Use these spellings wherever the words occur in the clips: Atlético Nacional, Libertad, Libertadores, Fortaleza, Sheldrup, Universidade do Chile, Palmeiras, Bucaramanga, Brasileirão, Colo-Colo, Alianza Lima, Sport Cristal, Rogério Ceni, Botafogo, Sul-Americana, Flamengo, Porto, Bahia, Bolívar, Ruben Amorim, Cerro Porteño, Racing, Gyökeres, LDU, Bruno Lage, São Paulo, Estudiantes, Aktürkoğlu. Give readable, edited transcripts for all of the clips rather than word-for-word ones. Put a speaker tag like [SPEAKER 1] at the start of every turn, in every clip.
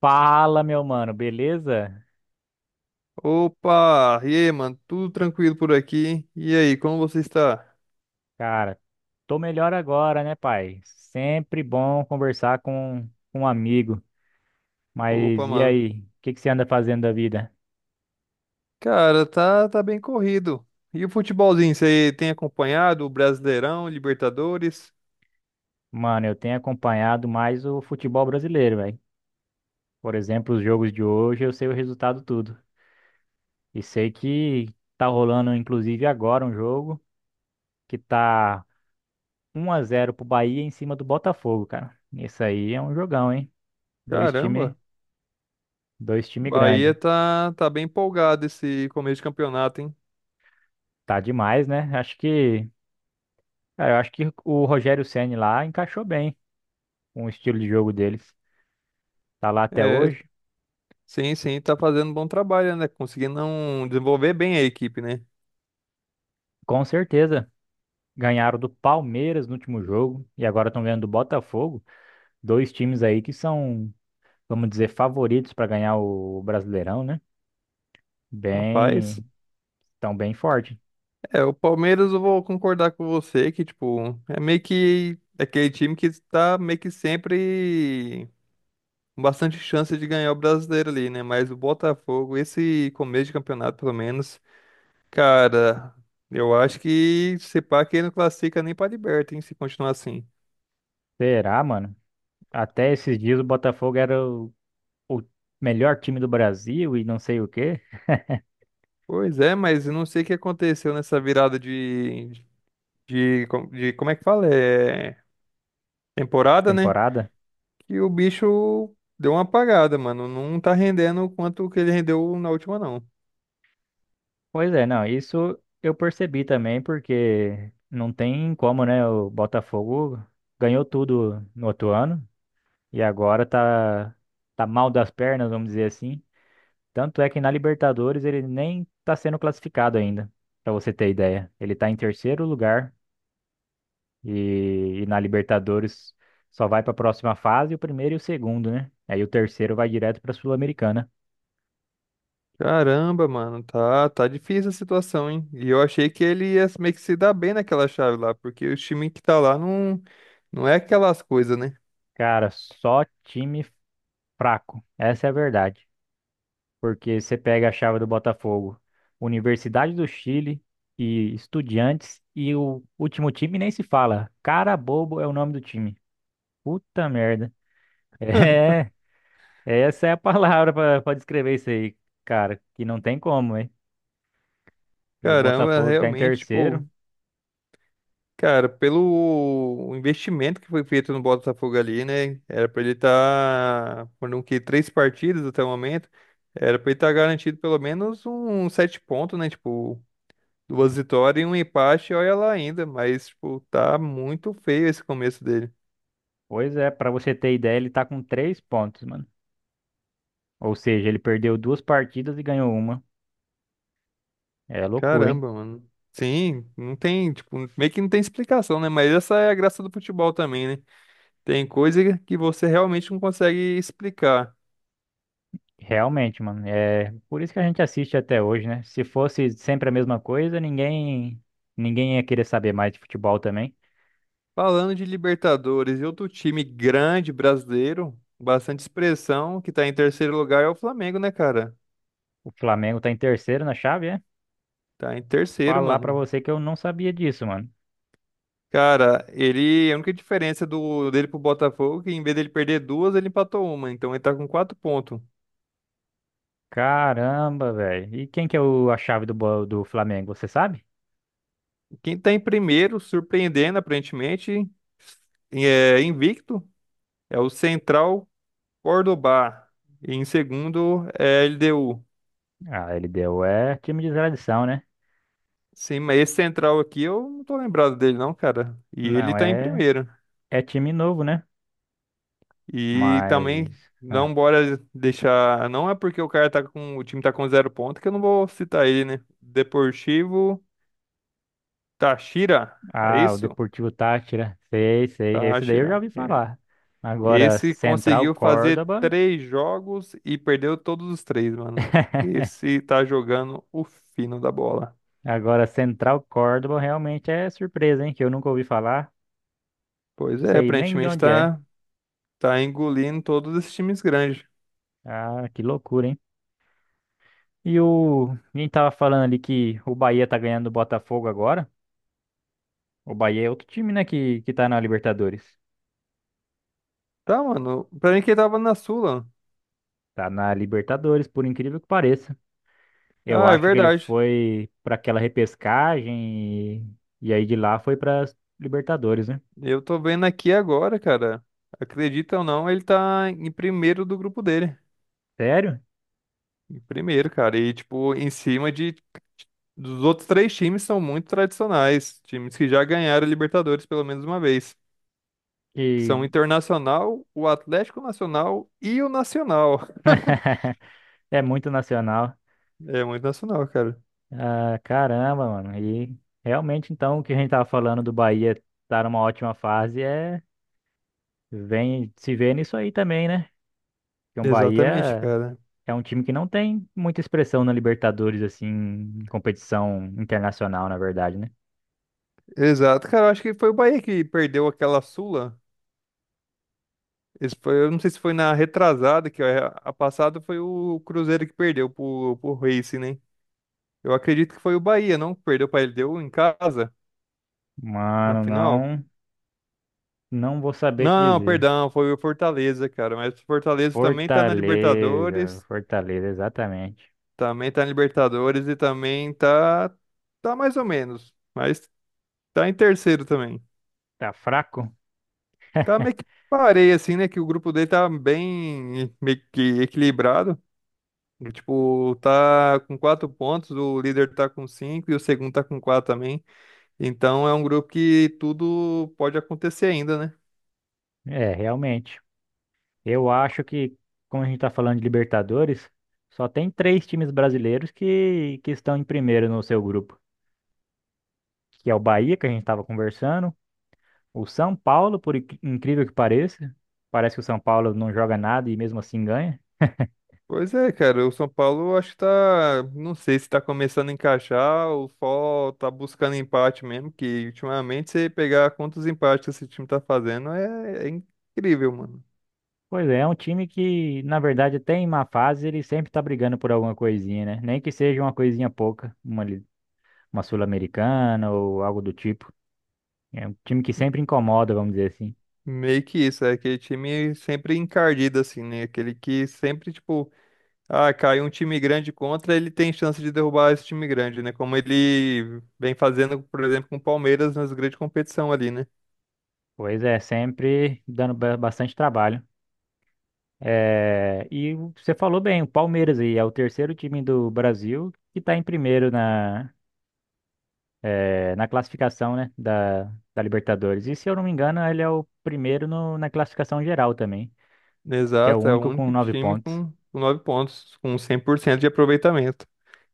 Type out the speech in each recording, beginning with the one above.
[SPEAKER 1] Fala, meu mano, beleza?
[SPEAKER 2] Opa, e aí, mano? Tudo tranquilo por aqui? E aí, como você está?
[SPEAKER 1] Cara, tô melhor agora, né, pai? Sempre bom conversar com um amigo. Mas
[SPEAKER 2] Opa,
[SPEAKER 1] e
[SPEAKER 2] mano.
[SPEAKER 1] aí? O que que você anda fazendo da vida?
[SPEAKER 2] Cara, tá bem corrido. E o futebolzinho, você tem acompanhado o Brasileirão, Libertadores?
[SPEAKER 1] Mano, eu tenho acompanhado mais o futebol brasileiro, velho. Por exemplo, os jogos de hoje, eu sei o resultado tudo. E sei que tá rolando, inclusive, agora um jogo que tá 1-0 pro Bahia em cima do Botafogo, cara. Isso aí é um jogão, hein? Dois
[SPEAKER 2] Caramba,
[SPEAKER 1] time, Dois time
[SPEAKER 2] Bahia
[SPEAKER 1] grande.
[SPEAKER 2] tá bem empolgado esse começo de campeonato, hein?
[SPEAKER 1] Tá demais, né? Acho que Cara, eu acho que o Rogério Ceni lá encaixou bem com o estilo de jogo deles. Tá lá até
[SPEAKER 2] É,
[SPEAKER 1] hoje.
[SPEAKER 2] sim, sim, tá fazendo um bom trabalho, né? Conseguindo não desenvolver bem a equipe, né?
[SPEAKER 1] Com certeza. Ganharam do Palmeiras no último jogo e agora estão ganhando do Botafogo. Dois times aí que são, vamos dizer, favoritos para ganhar o Brasileirão, né?
[SPEAKER 2] Rapaz,
[SPEAKER 1] Bem, tão bem forte.
[SPEAKER 2] é, o Palmeiras eu vou concordar com você que, tipo, é meio que é aquele time que tá meio que sempre bastante chance de ganhar o brasileiro ali, né? Mas o Botafogo, esse começo de campeonato, pelo menos, cara, eu acho que se pá que ele não classifica nem pra Liberta, hein, se continuar assim.
[SPEAKER 1] Será, mano? Até esses dias o Botafogo era o melhor time do Brasil e não sei o quê,
[SPEAKER 2] Pois é, mas eu não sei o que aconteceu nessa virada de, de como é que fala? É, temporada, né?
[SPEAKER 1] temporada.
[SPEAKER 2] Que o bicho deu uma apagada, mano. Não tá rendendo o quanto que ele rendeu na última, não.
[SPEAKER 1] Pois é, não, isso eu percebi também, porque não tem como, né? O Botafogo ganhou tudo no outro ano e agora tá, tá mal das pernas, vamos dizer assim. Tanto é que na Libertadores ele nem tá sendo classificado ainda, pra você ter ideia. Ele tá em terceiro lugar e na Libertadores só vai pra próxima fase o primeiro e o segundo, né? Aí o terceiro vai direto pra Sul-Americana.
[SPEAKER 2] Caramba, mano, tá difícil a situação, hein? E eu achei que ele ia meio que se dar bem naquela chave lá, porque o time que tá lá não, não é aquelas coisas, né?
[SPEAKER 1] Cara, só time fraco, essa é a verdade. Porque você pega a chave do Botafogo, Universidade do Chile e Estudiantes, e o último time nem se fala. Cara bobo é o nome do time. Puta merda. É, essa é a palavra pra descrever isso aí, cara, que não tem como, hein? E o
[SPEAKER 2] Caramba,
[SPEAKER 1] Botafogo ficar em
[SPEAKER 2] realmente, tipo,
[SPEAKER 1] terceiro.
[SPEAKER 2] cara, pelo investimento que foi feito no Botafogo ali, né? Era pra ele estar, tá, foram o quê? 3 partidas até o momento, era pra ele estar tá garantido pelo menos um 7 pontos, né? Tipo, 2 vitórias e um empate, olha lá ainda, mas, tipo, tá muito feio esse começo dele.
[SPEAKER 1] Pois é, pra você ter ideia, ele tá com 3 pontos, mano. Ou seja, ele perdeu duas partidas e ganhou uma. É loucura, hein?
[SPEAKER 2] Caramba, mano. Sim, não tem, tipo, meio que não tem explicação, né? Mas essa é a graça do futebol também, né? Tem coisa que você realmente não consegue explicar.
[SPEAKER 1] Realmente, mano. É por isso que a gente assiste até hoje, né? Se fosse sempre a mesma coisa, ninguém ia querer saber mais de futebol também.
[SPEAKER 2] Falando de Libertadores e outro time grande brasileiro, bastante expressão, que tá em terceiro lugar é o Flamengo, né, cara?
[SPEAKER 1] O Flamengo tá em terceiro na chave, é?
[SPEAKER 2] Tá em terceiro,
[SPEAKER 1] Falar pra
[SPEAKER 2] mano.
[SPEAKER 1] você que eu não sabia disso, mano.
[SPEAKER 2] Cara, ele, a única diferença do dele pro Botafogo é que em vez dele perder duas, ele empatou uma, então ele tá com 4 pontos.
[SPEAKER 1] Caramba, velho. E quem que é o, a chave do do Flamengo, você sabe?
[SPEAKER 2] Quem tá em primeiro, surpreendendo aparentemente, é invicto. É o Central Córdoba. E em segundo é LDU.
[SPEAKER 1] Ah, ele deu. É time de tradição, né?
[SPEAKER 2] Sim, mas esse Central aqui eu não tô lembrado dele não, cara. E ele
[SPEAKER 1] Não,
[SPEAKER 2] tá em
[SPEAKER 1] é,
[SPEAKER 2] primeiro.
[SPEAKER 1] é time novo, né?
[SPEAKER 2] E também
[SPEAKER 1] Mas.
[SPEAKER 2] não bora deixar, não é porque o cara tá com, o time tá com 0 ponto que eu não vou citar ele, né? Deportivo Táchira, é
[SPEAKER 1] Ah, o
[SPEAKER 2] isso?
[SPEAKER 1] Deportivo Táchira. Sei, sei. Esse daí eu já
[SPEAKER 2] Táchira.
[SPEAKER 1] ouvi
[SPEAKER 2] É.
[SPEAKER 1] falar. Agora,
[SPEAKER 2] Esse
[SPEAKER 1] Central
[SPEAKER 2] conseguiu fazer
[SPEAKER 1] Córdoba.
[SPEAKER 2] 3 jogos e perdeu todos os três, mano. Esse tá jogando o fino da bola.
[SPEAKER 1] Agora, Central Córdoba realmente é surpresa, hein? Que eu nunca ouvi falar,
[SPEAKER 2] Pois é,
[SPEAKER 1] sei nem de
[SPEAKER 2] aparentemente
[SPEAKER 1] onde é.
[SPEAKER 2] tá Tá engolindo todos esses times grandes.
[SPEAKER 1] Ah, que loucura, hein? E o. A gente tava falando ali que o Bahia tá ganhando do Botafogo agora. O Bahia é outro time, né? Que tá na Libertadores.
[SPEAKER 2] Tá, mano. Pra mim que ele tava na Sula.
[SPEAKER 1] Tá na Libertadores, por incrível que pareça. Eu
[SPEAKER 2] Ah, é
[SPEAKER 1] acho que ele
[SPEAKER 2] verdade.
[SPEAKER 1] foi pra aquela repescagem e aí de lá foi pra Libertadores, né?
[SPEAKER 2] Eu tô vendo aqui agora, cara. Acredita ou não, ele tá em primeiro do grupo dele.
[SPEAKER 1] Sério?
[SPEAKER 2] Em primeiro, cara. E, tipo, em cima de. Dos outros três times são muito tradicionais. Times que já ganharam Libertadores pelo menos uma vez. Que são o
[SPEAKER 1] E
[SPEAKER 2] Internacional, o Atlético Nacional e o Nacional.
[SPEAKER 1] é muito nacional.
[SPEAKER 2] É muito nacional, cara.
[SPEAKER 1] Ah, caramba, mano. E realmente, então, o que a gente tava falando do Bahia tá numa ótima fase é vem se vê nisso aí também, né? Porque o
[SPEAKER 2] Exatamente,
[SPEAKER 1] Bahia
[SPEAKER 2] cara.
[SPEAKER 1] é um time que não tem muita expressão na Libertadores, assim, em competição internacional, na verdade, né?
[SPEAKER 2] Exato, cara. Eu acho que foi o Bahia que perdeu aquela Sula. Esse foi, eu não sei se foi na retrasada, que a passada foi o Cruzeiro que perdeu pro Racing, né? Eu acredito que foi o Bahia, não? Que perdeu pra LDU em casa, na
[SPEAKER 1] Mano,
[SPEAKER 2] final?
[SPEAKER 1] não vou saber te
[SPEAKER 2] Não, não,
[SPEAKER 1] dizer.
[SPEAKER 2] perdão, foi o Fortaleza, cara. Mas o Fortaleza também tá na
[SPEAKER 1] Fortaleza,
[SPEAKER 2] Libertadores,
[SPEAKER 1] Fortaleza, exatamente.
[SPEAKER 2] e também tá mais ou menos, mas tá em terceiro também.
[SPEAKER 1] Tá fraco?
[SPEAKER 2] Tá meio que parei, assim, né? Que o grupo dele tá bem meio que equilibrado. E, tipo, tá com 4 pontos, o líder tá com cinco e o segundo tá com quatro também. Então é um grupo que tudo pode acontecer ainda, né?
[SPEAKER 1] É, realmente. Eu acho que, como a gente está falando de Libertadores, só tem três times brasileiros que estão em primeiro no seu grupo, que é o Bahia, que a gente estava conversando, o São Paulo, por incrível que pareça, parece que o São Paulo não joga nada e mesmo assim ganha.
[SPEAKER 2] Pois é, cara, o São Paulo acho que tá, não sei se tá começando a encaixar ou só tá buscando empate mesmo, que ultimamente você pegar quantos empates que esse time tá fazendo é incrível, mano.
[SPEAKER 1] Pois é, é um time que, na verdade, até em má fase, ele sempre está brigando por alguma coisinha, né? Nem que seja uma coisinha pouca, uma Sul-Americana ou algo do tipo. É um time que sempre incomoda, vamos dizer assim.
[SPEAKER 2] Meio que isso, é aquele time sempre encardido assim, né? Aquele que sempre, tipo, ah, cai um time grande contra, ele tem chance de derrubar esse time grande, né? Como ele vem fazendo, por exemplo, com o Palmeiras nas grandes competição ali, né?
[SPEAKER 1] Pois é, sempre dando bastante trabalho. É, e o- você falou bem, o Palmeiras aí é o terceiro time do Brasil que está em primeiro na, é, na classificação, né, da Libertadores. E se eu não me engano, ele é o primeiro na classificação geral também, que é o
[SPEAKER 2] Exato, é o
[SPEAKER 1] único com
[SPEAKER 2] único
[SPEAKER 1] nove
[SPEAKER 2] time
[SPEAKER 1] pontos.
[SPEAKER 2] com 9 pontos, com 100% de aproveitamento.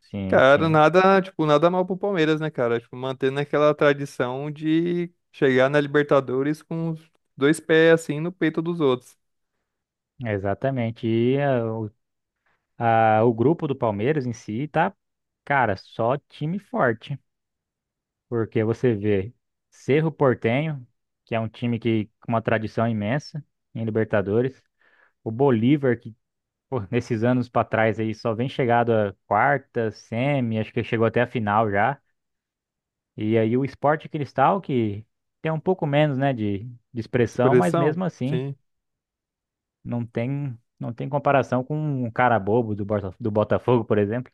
[SPEAKER 1] Sim,
[SPEAKER 2] Cara,
[SPEAKER 1] sim,
[SPEAKER 2] nada, tipo, nada mal pro Palmeiras, né, cara? Tipo, mantendo aquela tradição de chegar na Libertadores com os dois pés assim no peito dos outros.
[SPEAKER 1] exatamente. E o grupo do Palmeiras em si tá, cara, só time forte, porque você vê Cerro Porteño, que é um time que com uma tradição imensa em Libertadores. O Bolívar, que Pô, nesses anos pra trás aí, só vem chegado a quarta, semi, acho que chegou até a final já. E aí o Sport Cristal, que tem um pouco menos, né, de expressão, mas
[SPEAKER 2] Expressão?
[SPEAKER 1] mesmo assim,
[SPEAKER 2] Sim.
[SPEAKER 1] não tem, não tem comparação com um cara bobo do do Botafogo, por exemplo.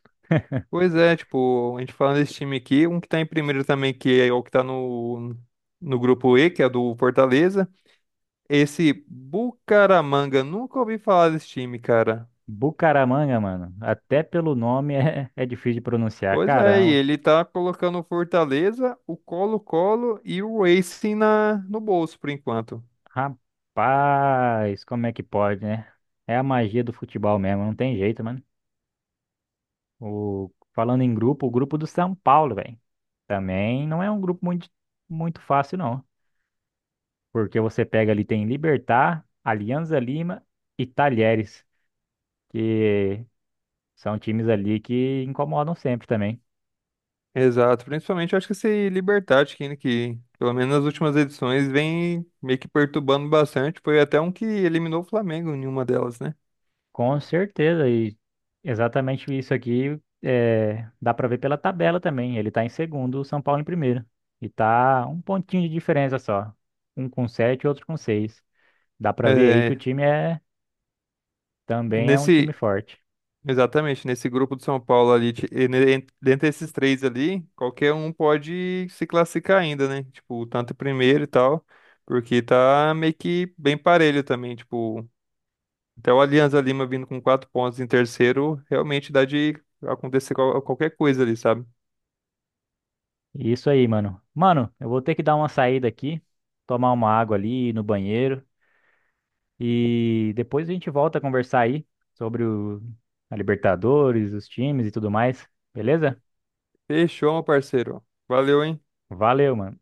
[SPEAKER 2] Pois é, tipo, a gente falando desse time aqui, um que tá em primeiro também, que é o que tá no grupo E, que é do Fortaleza. Esse Bucaramanga, nunca ouvi falar desse time, cara.
[SPEAKER 1] Bucaramanga, mano, até pelo nome é difícil de pronunciar.
[SPEAKER 2] Pois é, e
[SPEAKER 1] Caramba,
[SPEAKER 2] ele tá colocando o Fortaleza, o Colo-Colo e o Racing no bolso, por enquanto.
[SPEAKER 1] rapaz, como é que pode, né? É a magia do futebol mesmo, não tem jeito, mano. O, falando em grupo, o grupo do São Paulo, velho. Também não é um grupo muito, muito fácil, não. Porque você pega ali, tem Libertad, Alianza Lima e Talheres, que são times ali que incomodam sempre também.
[SPEAKER 2] Exato, principalmente eu acho que esse Libertad, que pelo menos nas últimas edições vem meio que perturbando bastante. Foi até um que eliminou o Flamengo em uma delas, né?
[SPEAKER 1] Com certeza, e exatamente isso aqui é, dá pra ver pela tabela também. Ele tá em segundo, o São Paulo em primeiro. E tá um pontinho de diferença só. Um com sete, outro com seis. Dá pra ver aí que o
[SPEAKER 2] É,
[SPEAKER 1] time é também é um time
[SPEAKER 2] nesse
[SPEAKER 1] forte.
[SPEAKER 2] Exatamente, nesse grupo do São Paulo ali, dentre esses três ali, qualquer um pode se classificar ainda, né? Tipo, tanto em primeiro e tal, porque tá meio que bem parelho também, tipo, até o Alianza Lima vindo com 4 pontos em terceiro, realmente dá de acontecer qualquer coisa ali, sabe?
[SPEAKER 1] Isso aí, mano. Mano, eu vou ter que dar uma saída aqui, tomar uma água ali, ir no banheiro e depois a gente volta a conversar aí sobre a Libertadores, os times e tudo mais, beleza?
[SPEAKER 2] Fechou, meu parceiro. Valeu, hein?
[SPEAKER 1] Valeu, mano.